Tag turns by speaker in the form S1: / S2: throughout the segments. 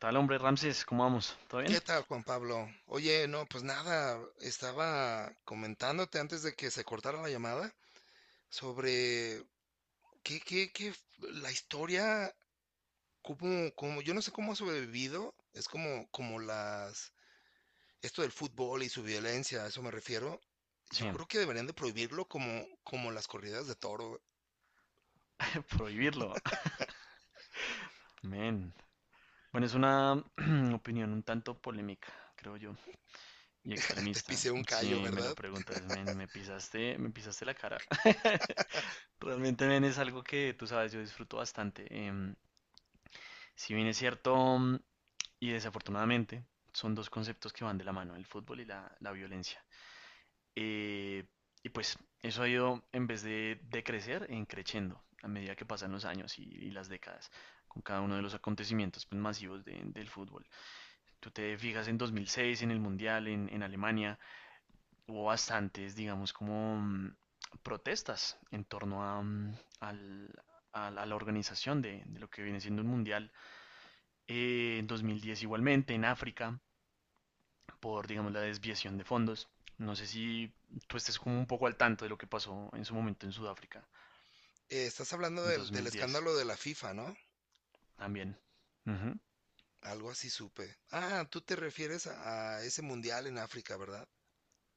S1: Tal hombre, Ramses, ¿cómo vamos? ¿Todo bien?
S2: ¿Qué tal, Juan Pablo? Oye, no, pues nada, estaba comentándote antes de que se cortara la llamada sobre la historia, yo no sé cómo ha sobrevivido, es como las esto del fútbol y su violencia, a eso me refiero. Yo
S1: Sí,
S2: creo que deberían de prohibirlo como las corridas de toro.
S1: prohibirlo. Men. Bueno, es una opinión un tanto polémica, creo yo, y
S2: Te
S1: extremista.
S2: pisé un callo,
S1: Si me lo
S2: ¿verdad?
S1: preguntas, men, me pisaste la cara. Realmente, men, es algo que tú sabes, yo disfruto bastante. Si bien es cierto, y desafortunadamente, son dos conceptos que van de la mano, el fútbol y la violencia. Eh, y pues eso ha ido, en vez de crecer, en creciendo a medida que pasan los años y las décadas, con cada uno de los acontecimientos pues, masivos del fútbol. Tú te fijas en 2006, en el Mundial, en Alemania. Hubo bastantes, digamos, como protestas en torno a, mm, al- a la organización de lo que viene siendo un Mundial. En 2010 igualmente, en África por, digamos, la desviación de fondos. No sé si tú estés como un poco al tanto de lo que pasó en su momento en Sudáfrica,
S2: Estás hablando
S1: en
S2: del
S1: 2010
S2: escándalo de la FIFA, ¿no?
S1: también. Ujú.
S2: Algo así supe. Ah, tú te refieres a ese mundial en África, ¿verdad?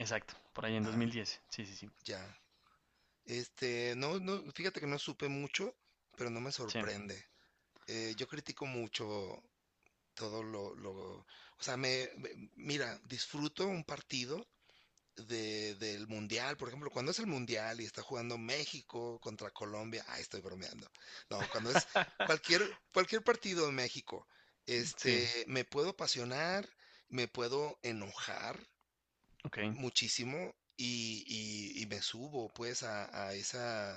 S1: Exacto, por ahí en
S2: Ah.
S1: 2010. Sí, sí, sí.
S2: Ya. Este, no, no, fíjate que no supe mucho, pero no me
S1: Sí.
S2: sorprende. Yo critico mucho todo o sea, mira, disfruto un partido del Mundial, por ejemplo, cuando es el Mundial y está jugando México contra Colombia, ay, estoy bromeando. No, cuando es cualquier partido de México,
S1: Sí,
S2: este, me puedo apasionar, me puedo enojar
S1: ok.
S2: muchísimo y me subo pues a esa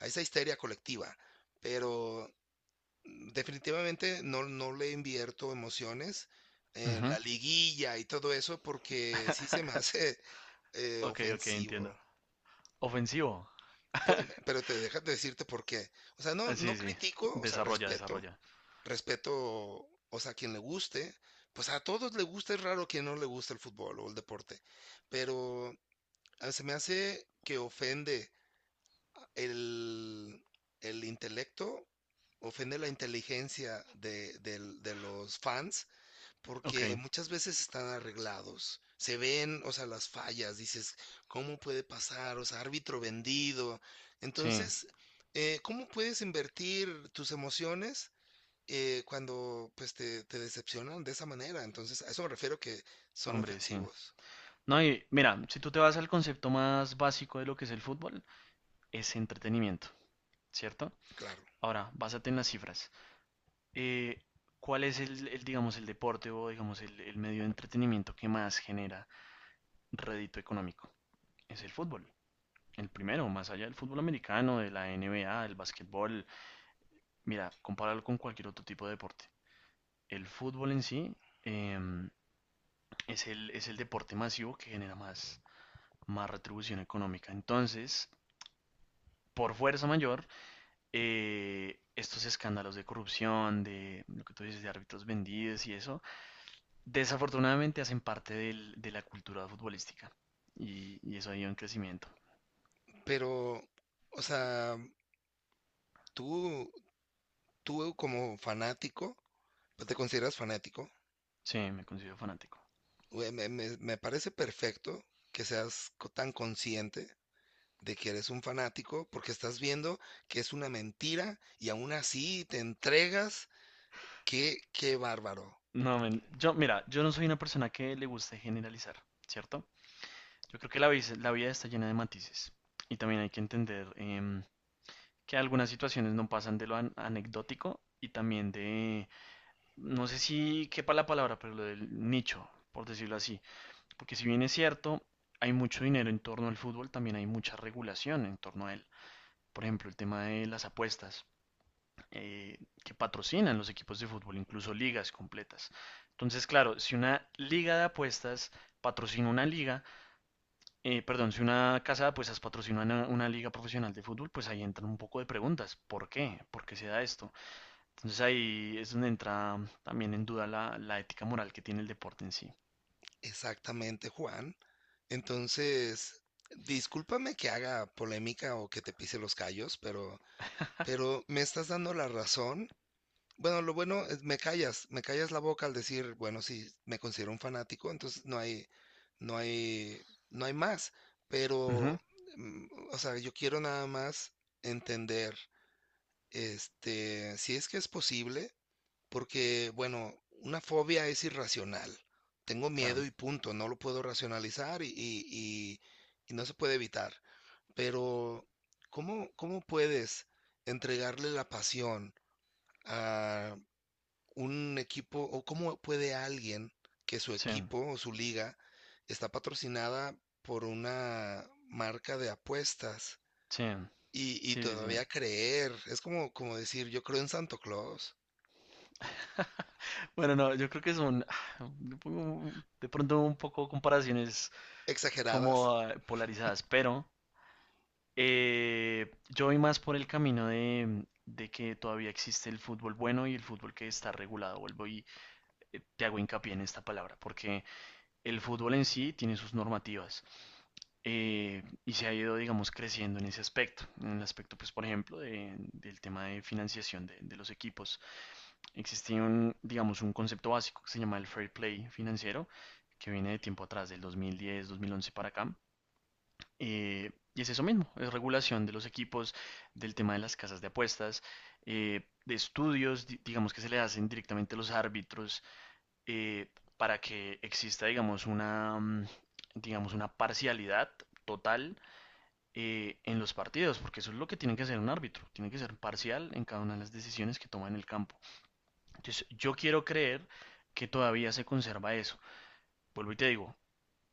S2: a esa histeria colectiva, pero definitivamente no, no le invierto emociones en
S1: Ujú.
S2: la liguilla y todo eso porque sí se me hace
S1: Ok, ok,
S2: ofensivo.
S1: entiendo. Ofensivo.
S2: Pero te dejas decirte por qué. O sea, no,
S1: Ah, sí,
S2: no
S1: sí,
S2: critico, o sea,
S1: desarrolla, desarrolla.
S2: respeto, o sea, a quien le guste, pues a todos le gusta, es raro quien no le gusta el fútbol o el deporte, pero se me hace que ofende el, el intelecto ofende la inteligencia de los fans
S1: Ok,
S2: porque muchas veces están arreglados. Se ven, o sea, las fallas, dices, ¿cómo puede pasar? O sea, árbitro vendido.
S1: sí,
S2: Entonces, ¿cómo puedes invertir tus emociones cuando pues te decepcionan de esa manera? Entonces, a eso me refiero que son
S1: hombre, sí.
S2: ofensivos,
S1: No, y mira, si tú te vas al concepto más básico de lo que es el fútbol, es entretenimiento, ¿cierto?
S2: claro.
S1: Ahora, básate en las cifras. Eh, ¿Cuál es el, digamos, el deporte o, digamos, el medio de entretenimiento que más genera rédito económico? Es el fútbol. El primero, más allá del fútbol americano, de la NBA, del básquetbol. Mira, compáralo con cualquier otro tipo de deporte. El fútbol en sí eh, es el deporte masivo que genera más retribución económica. Entonces, por fuerza mayor, estos escándalos de corrupción, de lo que tú dices, de árbitros vendidos y eso, desafortunadamente hacen parte de la cultura futbolística y eso ha ido en crecimiento.
S2: Pero, o sea, tú, tú como fanático, ¿no? ¿Te consideras fanático?
S1: Sí, me considero fanático.
S2: Güey, me parece perfecto que seas tan consciente de que eres un fanático porque estás viendo que es una mentira y aún así te entregas. Qué, qué bárbaro.
S1: No, men, yo, mira, yo no soy una persona que le guste generalizar, ¿cierto? Yo creo que la vida está llena de matices y también hay que entender que algunas situaciones no pasan de lo anecdótico y también de, no sé si quepa la palabra, pero lo del nicho, por decirlo así. Porque si bien es cierto, hay mucho dinero en torno al fútbol, también hay mucha regulación en torno a él. Por ejemplo, el tema de las apuestas, eh, que patrocinan los equipos de fútbol, incluso ligas completas. Entonces, claro, si una liga de apuestas patrocina una liga, perdón, si una casa de apuestas patrocina una liga profesional de fútbol, pues ahí entran un poco de preguntas. ¿Por qué? ¿Por qué se da esto? Entonces ahí es donde entra también en duda la ética moral que tiene el deporte en sí.
S2: Exactamente, Juan. Entonces, discúlpame que haga polémica o que te pise los callos, pero me estás dando la razón. Bueno, lo bueno es me callas la boca al decir, bueno, sí, me considero un fanático, entonces no hay, no hay, no hay más. Pero,
S1: Ujú.
S2: mm, o sea, yo quiero nada más entender, este, si es que es posible, porque, bueno, una fobia es irracional. Tengo miedo
S1: Claro,
S2: y punto, no lo puedo racionalizar y- y no se puede evitar. Pero, ¿cómo puedes entregarle la pasión un equipo o cómo puede alguien que su
S1: sí,
S2: equipo o su liga está patrocinada por una marca de apuestas
S1: sí.
S2: y
S1: Sí, sí, sí.
S2: todavía creer? Es como decir, yo creo en Santo Claus.
S1: Bueno, no, yo creo que son, yo pongo de pronto un poco comparaciones
S2: Exageradas.
S1: como polarizadas, pero yo voy más por el camino de que todavía existe el fútbol bueno y el fútbol que está regulado. Vuelvo y te hago hincapié en esta palabra, porque el fútbol en sí tiene sus normativas, y se ha ido, digamos, creciendo en ese aspecto, en el aspecto, pues, por ejemplo, del tema de financiación de los equipos. Existía un, digamos, un concepto básico que se llama el fair play financiero, que viene de tiempo atrás, del 2010, 2011 para acá, y es eso mismo, es regulación de los equipos, del tema de las casas de apuestas, de estudios, digamos que se le hacen directamente a los árbitros, eh, para que exista, digamos, digamos, una parcialidad total, en los partidos, porque eso es lo que tiene que hacer un árbitro, tiene que ser parcial en cada una de las decisiones que toma en el campo. Entonces, yo quiero creer que todavía se conserva eso. Vuelvo y te digo,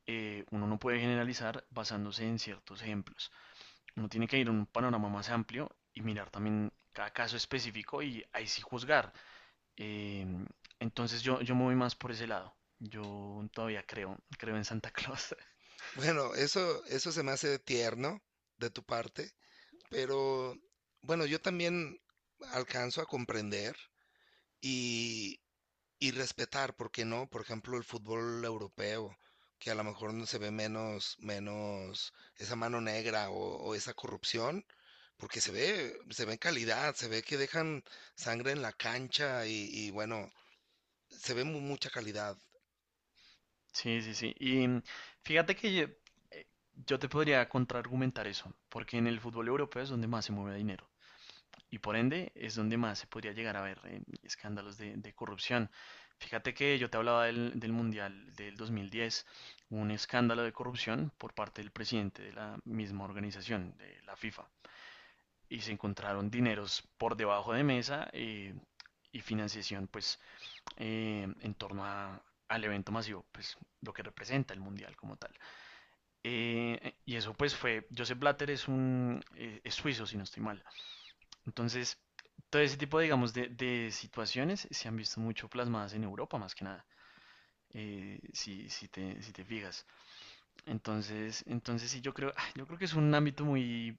S1: uno no puede generalizar basándose en ciertos ejemplos. Uno tiene que ir a un panorama más amplio y mirar también cada caso específico y ahí sí juzgar. Eh, entonces yo me voy más por ese lado. Yo todavía creo, creo en Santa Claus.
S2: Bueno, eso se me hace tierno de tu parte, pero bueno, yo también alcanzo a comprender y, Y respetar, ¿por qué no? Por ejemplo, el fútbol europeo, que a lo mejor no se ve menos, menos esa mano negra o esa corrupción, porque se ve en calidad, se ve que dejan sangre en la cancha y bueno, se ve mucha calidad.
S1: Sí, sí, sí. Y fíjate que eh, yo te podría contraargumentar eso, porque en el fútbol europeo es donde más se mueve dinero. Y por ende es donde más se podría llegar a ver, escándalos de corrupción. Fíjate que yo te hablaba del Mundial del 2010, un escándalo de corrupción por parte del presidente de la misma organización, de la FIFA. Y se encontraron dineros por debajo de mesa, y financiación pues, en torno a, al evento masivo, pues lo que representa el Mundial como tal. Y eso pues fue, Joseph Blatter es un es suizo, si no estoy mal. Entonces, todo ese tipo, digamos, de situaciones se han visto mucho plasmadas en Europa, más que nada, si te fijas. Entonces sí, yo creo, yo creo que es un ámbito muy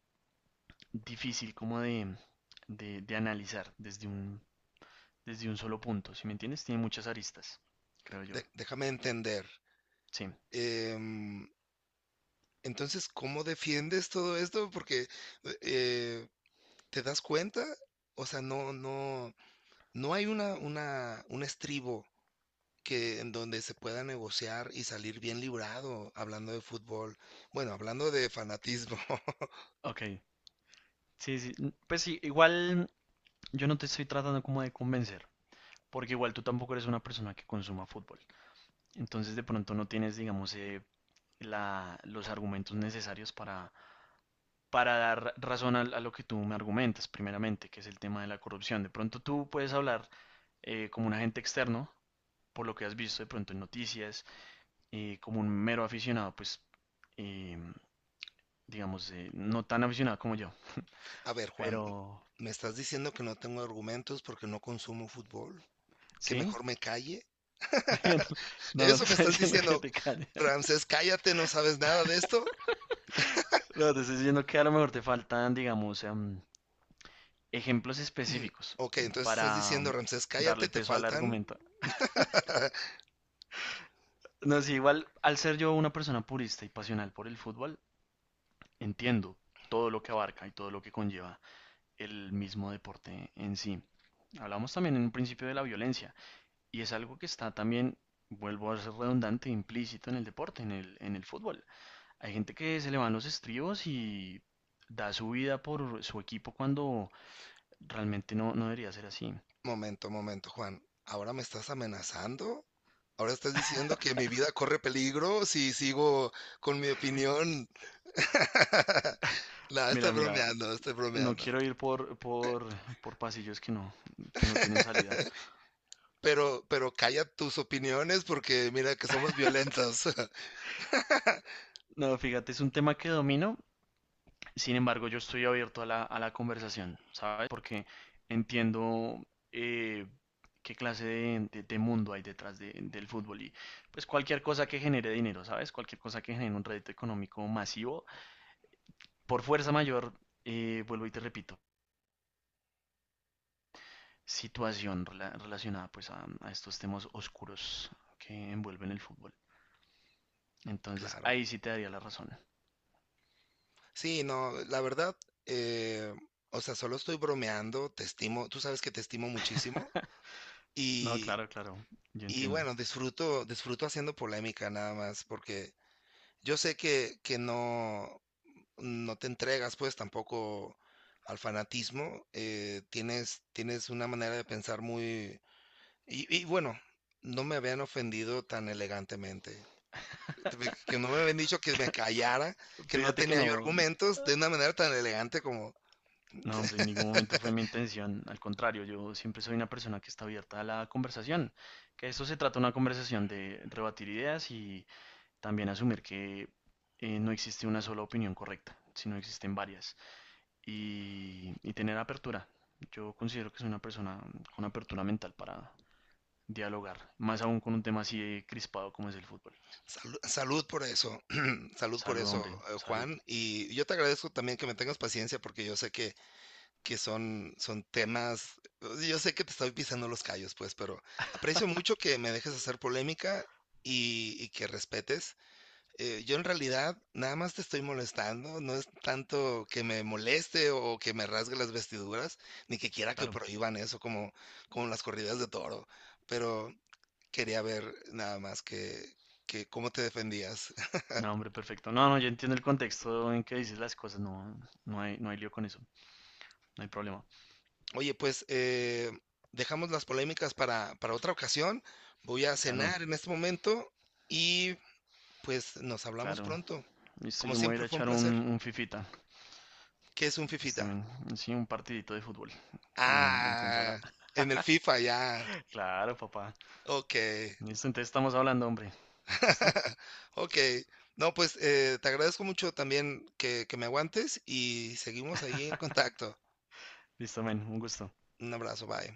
S1: difícil como de analizar desde un solo punto, ¿si me entiendes? Tiene muchas aristas, creo yo.
S2: Déjame entender.
S1: Sí,
S2: Em, entonces, ¿cómo defiendes todo esto? Porque eh, ¿te das cuenta? O sea, no, no, no hay un estribo que en donde se pueda negociar y salir bien librado hablando de fútbol. Bueno, hablando de fanatismo.
S1: ok. Sí, sí. Pues sí, igual yo no te estoy tratando como de convencer, porque igual tú tampoco eres una persona que consuma fútbol. Entonces de pronto no tienes, digamos, los argumentos necesarios para dar razón a lo que tú me argumentas, primeramente, que es el tema de la corrupción. De pronto tú puedes hablar, como un agente externo, por lo que has visto de pronto en noticias, como un mero aficionado, pues, eh, digamos, no tan aficionado como yo,
S2: A ver, Juan,
S1: pero...
S2: me estás diciendo que no tengo argumentos porque no consumo fútbol, que
S1: ¿Sí?
S2: mejor me calle.
S1: No, no te
S2: Eso me
S1: estoy
S2: estás
S1: diciendo que
S2: diciendo,
S1: te calles.
S2: Ramsés, cállate, no sabes nada de esto.
S1: No, te estoy diciendo que a lo mejor te faltan, digamos, ejemplos
S2: Mm,
S1: específicos
S2: ok, entonces estás
S1: para
S2: diciendo, Ramsés, cállate,
S1: darle
S2: te
S1: peso al
S2: faltan.
S1: argumento. No, sí, igual al ser yo una persona purista y pasional por el fútbol, entiendo todo lo que abarca y todo lo que conlleva el mismo deporte en sí. Hablamos también en un principio de la violencia y es algo que está también, vuelvo a ser redundante, implícito en el deporte, en el fútbol. Hay gente que se le van los estribos y da su vida por su equipo cuando realmente no, no debería ser así.
S2: Momento, momento, Juan. ¿Ahora me estás amenazando? ¿Ahora estás diciendo que mi vida corre peligro si sigo con mi opinión? No, estoy
S1: Mira, mira,
S2: bromeando, estoy
S1: no
S2: bromeando.
S1: quiero ir por pasillos que no tienen salida.
S2: Pero calla tus opiniones porque mira que somos violentos.
S1: No, fíjate, es un tema que domino, sin embargo, yo estoy abierto a la conversación, ¿sabes? Porque entiendo, eh, qué clase de mundo hay detrás del fútbol y pues cualquier cosa que genere dinero, ¿sabes? Cualquier cosa que genere un rédito económico masivo, por fuerza mayor, vuelvo y te repito, situación relacionada pues a estos temas oscuros que envuelven el fútbol. Entonces,
S2: Claro.
S1: ahí sí te daría la razón.
S2: Sí, no, la verdad, eh, o sea, solo estoy bromeando, te estimo, tú sabes que te estimo muchísimo
S1: No,
S2: y,
S1: claro, claro, yo
S2: y
S1: entiendo.
S2: bueno, disfruto, disfruto haciendo polémica nada más porque yo sé que no, no te entregas pues tampoco al fanatismo, tienes, tienes una manera de pensar muy. Y bueno, no me habían ofendido tan elegantemente. Que no me habían dicho que me callara, que no
S1: Fíjate que
S2: tenía yo
S1: no.
S2: argumentos de una manera tan elegante como
S1: No, hombre, en ningún momento fue mi intención. Al contrario, yo siempre soy una persona que está abierta a la conversación. Que esto se trata de una conversación de rebatir ideas y también asumir que, no existe una sola opinión correcta, sino existen varias. Y tener apertura. Yo considero que soy una persona con apertura mental para dialogar, más aún con un tema así de crispado como es el fútbol.
S2: Salud por eso, salud por
S1: Salud,
S2: eso,
S1: hombre, salud.
S2: Juan. Y yo te agradezco también que me tengas paciencia porque yo sé que son, son temas, yo sé que te estoy pisando los callos, pues, pero aprecio mucho que me dejes hacer polémica y que respetes. Yo en realidad nada más te estoy molestando, no es tanto que me moleste o que me rasgue las vestiduras, ni que quiera que
S1: Claro.
S2: prohíban eso como, como las corridas de toro, pero quería ver nada más que cómo te defendías.
S1: No, hombre, perfecto. No, no, yo entiendo el contexto en que dices las cosas. No, no hay lío con eso. No hay problema.
S2: Oye, pues dejamos las polémicas para otra ocasión. Voy a
S1: Claro,
S2: cenar en este momento y pues nos hablamos
S1: claro.
S2: pronto.
S1: Listo,
S2: Como
S1: yo me voy a ir
S2: siempre
S1: a
S2: fue un
S1: echar un,
S2: placer.
S1: un fifita.
S2: ¿Qué es un
S1: Listo,
S2: fifita?
S1: men. Sí, un partidito de fútbol en, consola.
S2: Ah, en el FIFA ya.
S1: Claro, papá.
S2: Ok.
S1: Listo, entonces estamos hablando, hombre. ¿Listo?
S2: Okey. No, pues, te agradezco mucho también que me aguantes y seguimos ahí en contacto.
S1: Listo, men. Un gusto.
S2: Un abrazo, bye.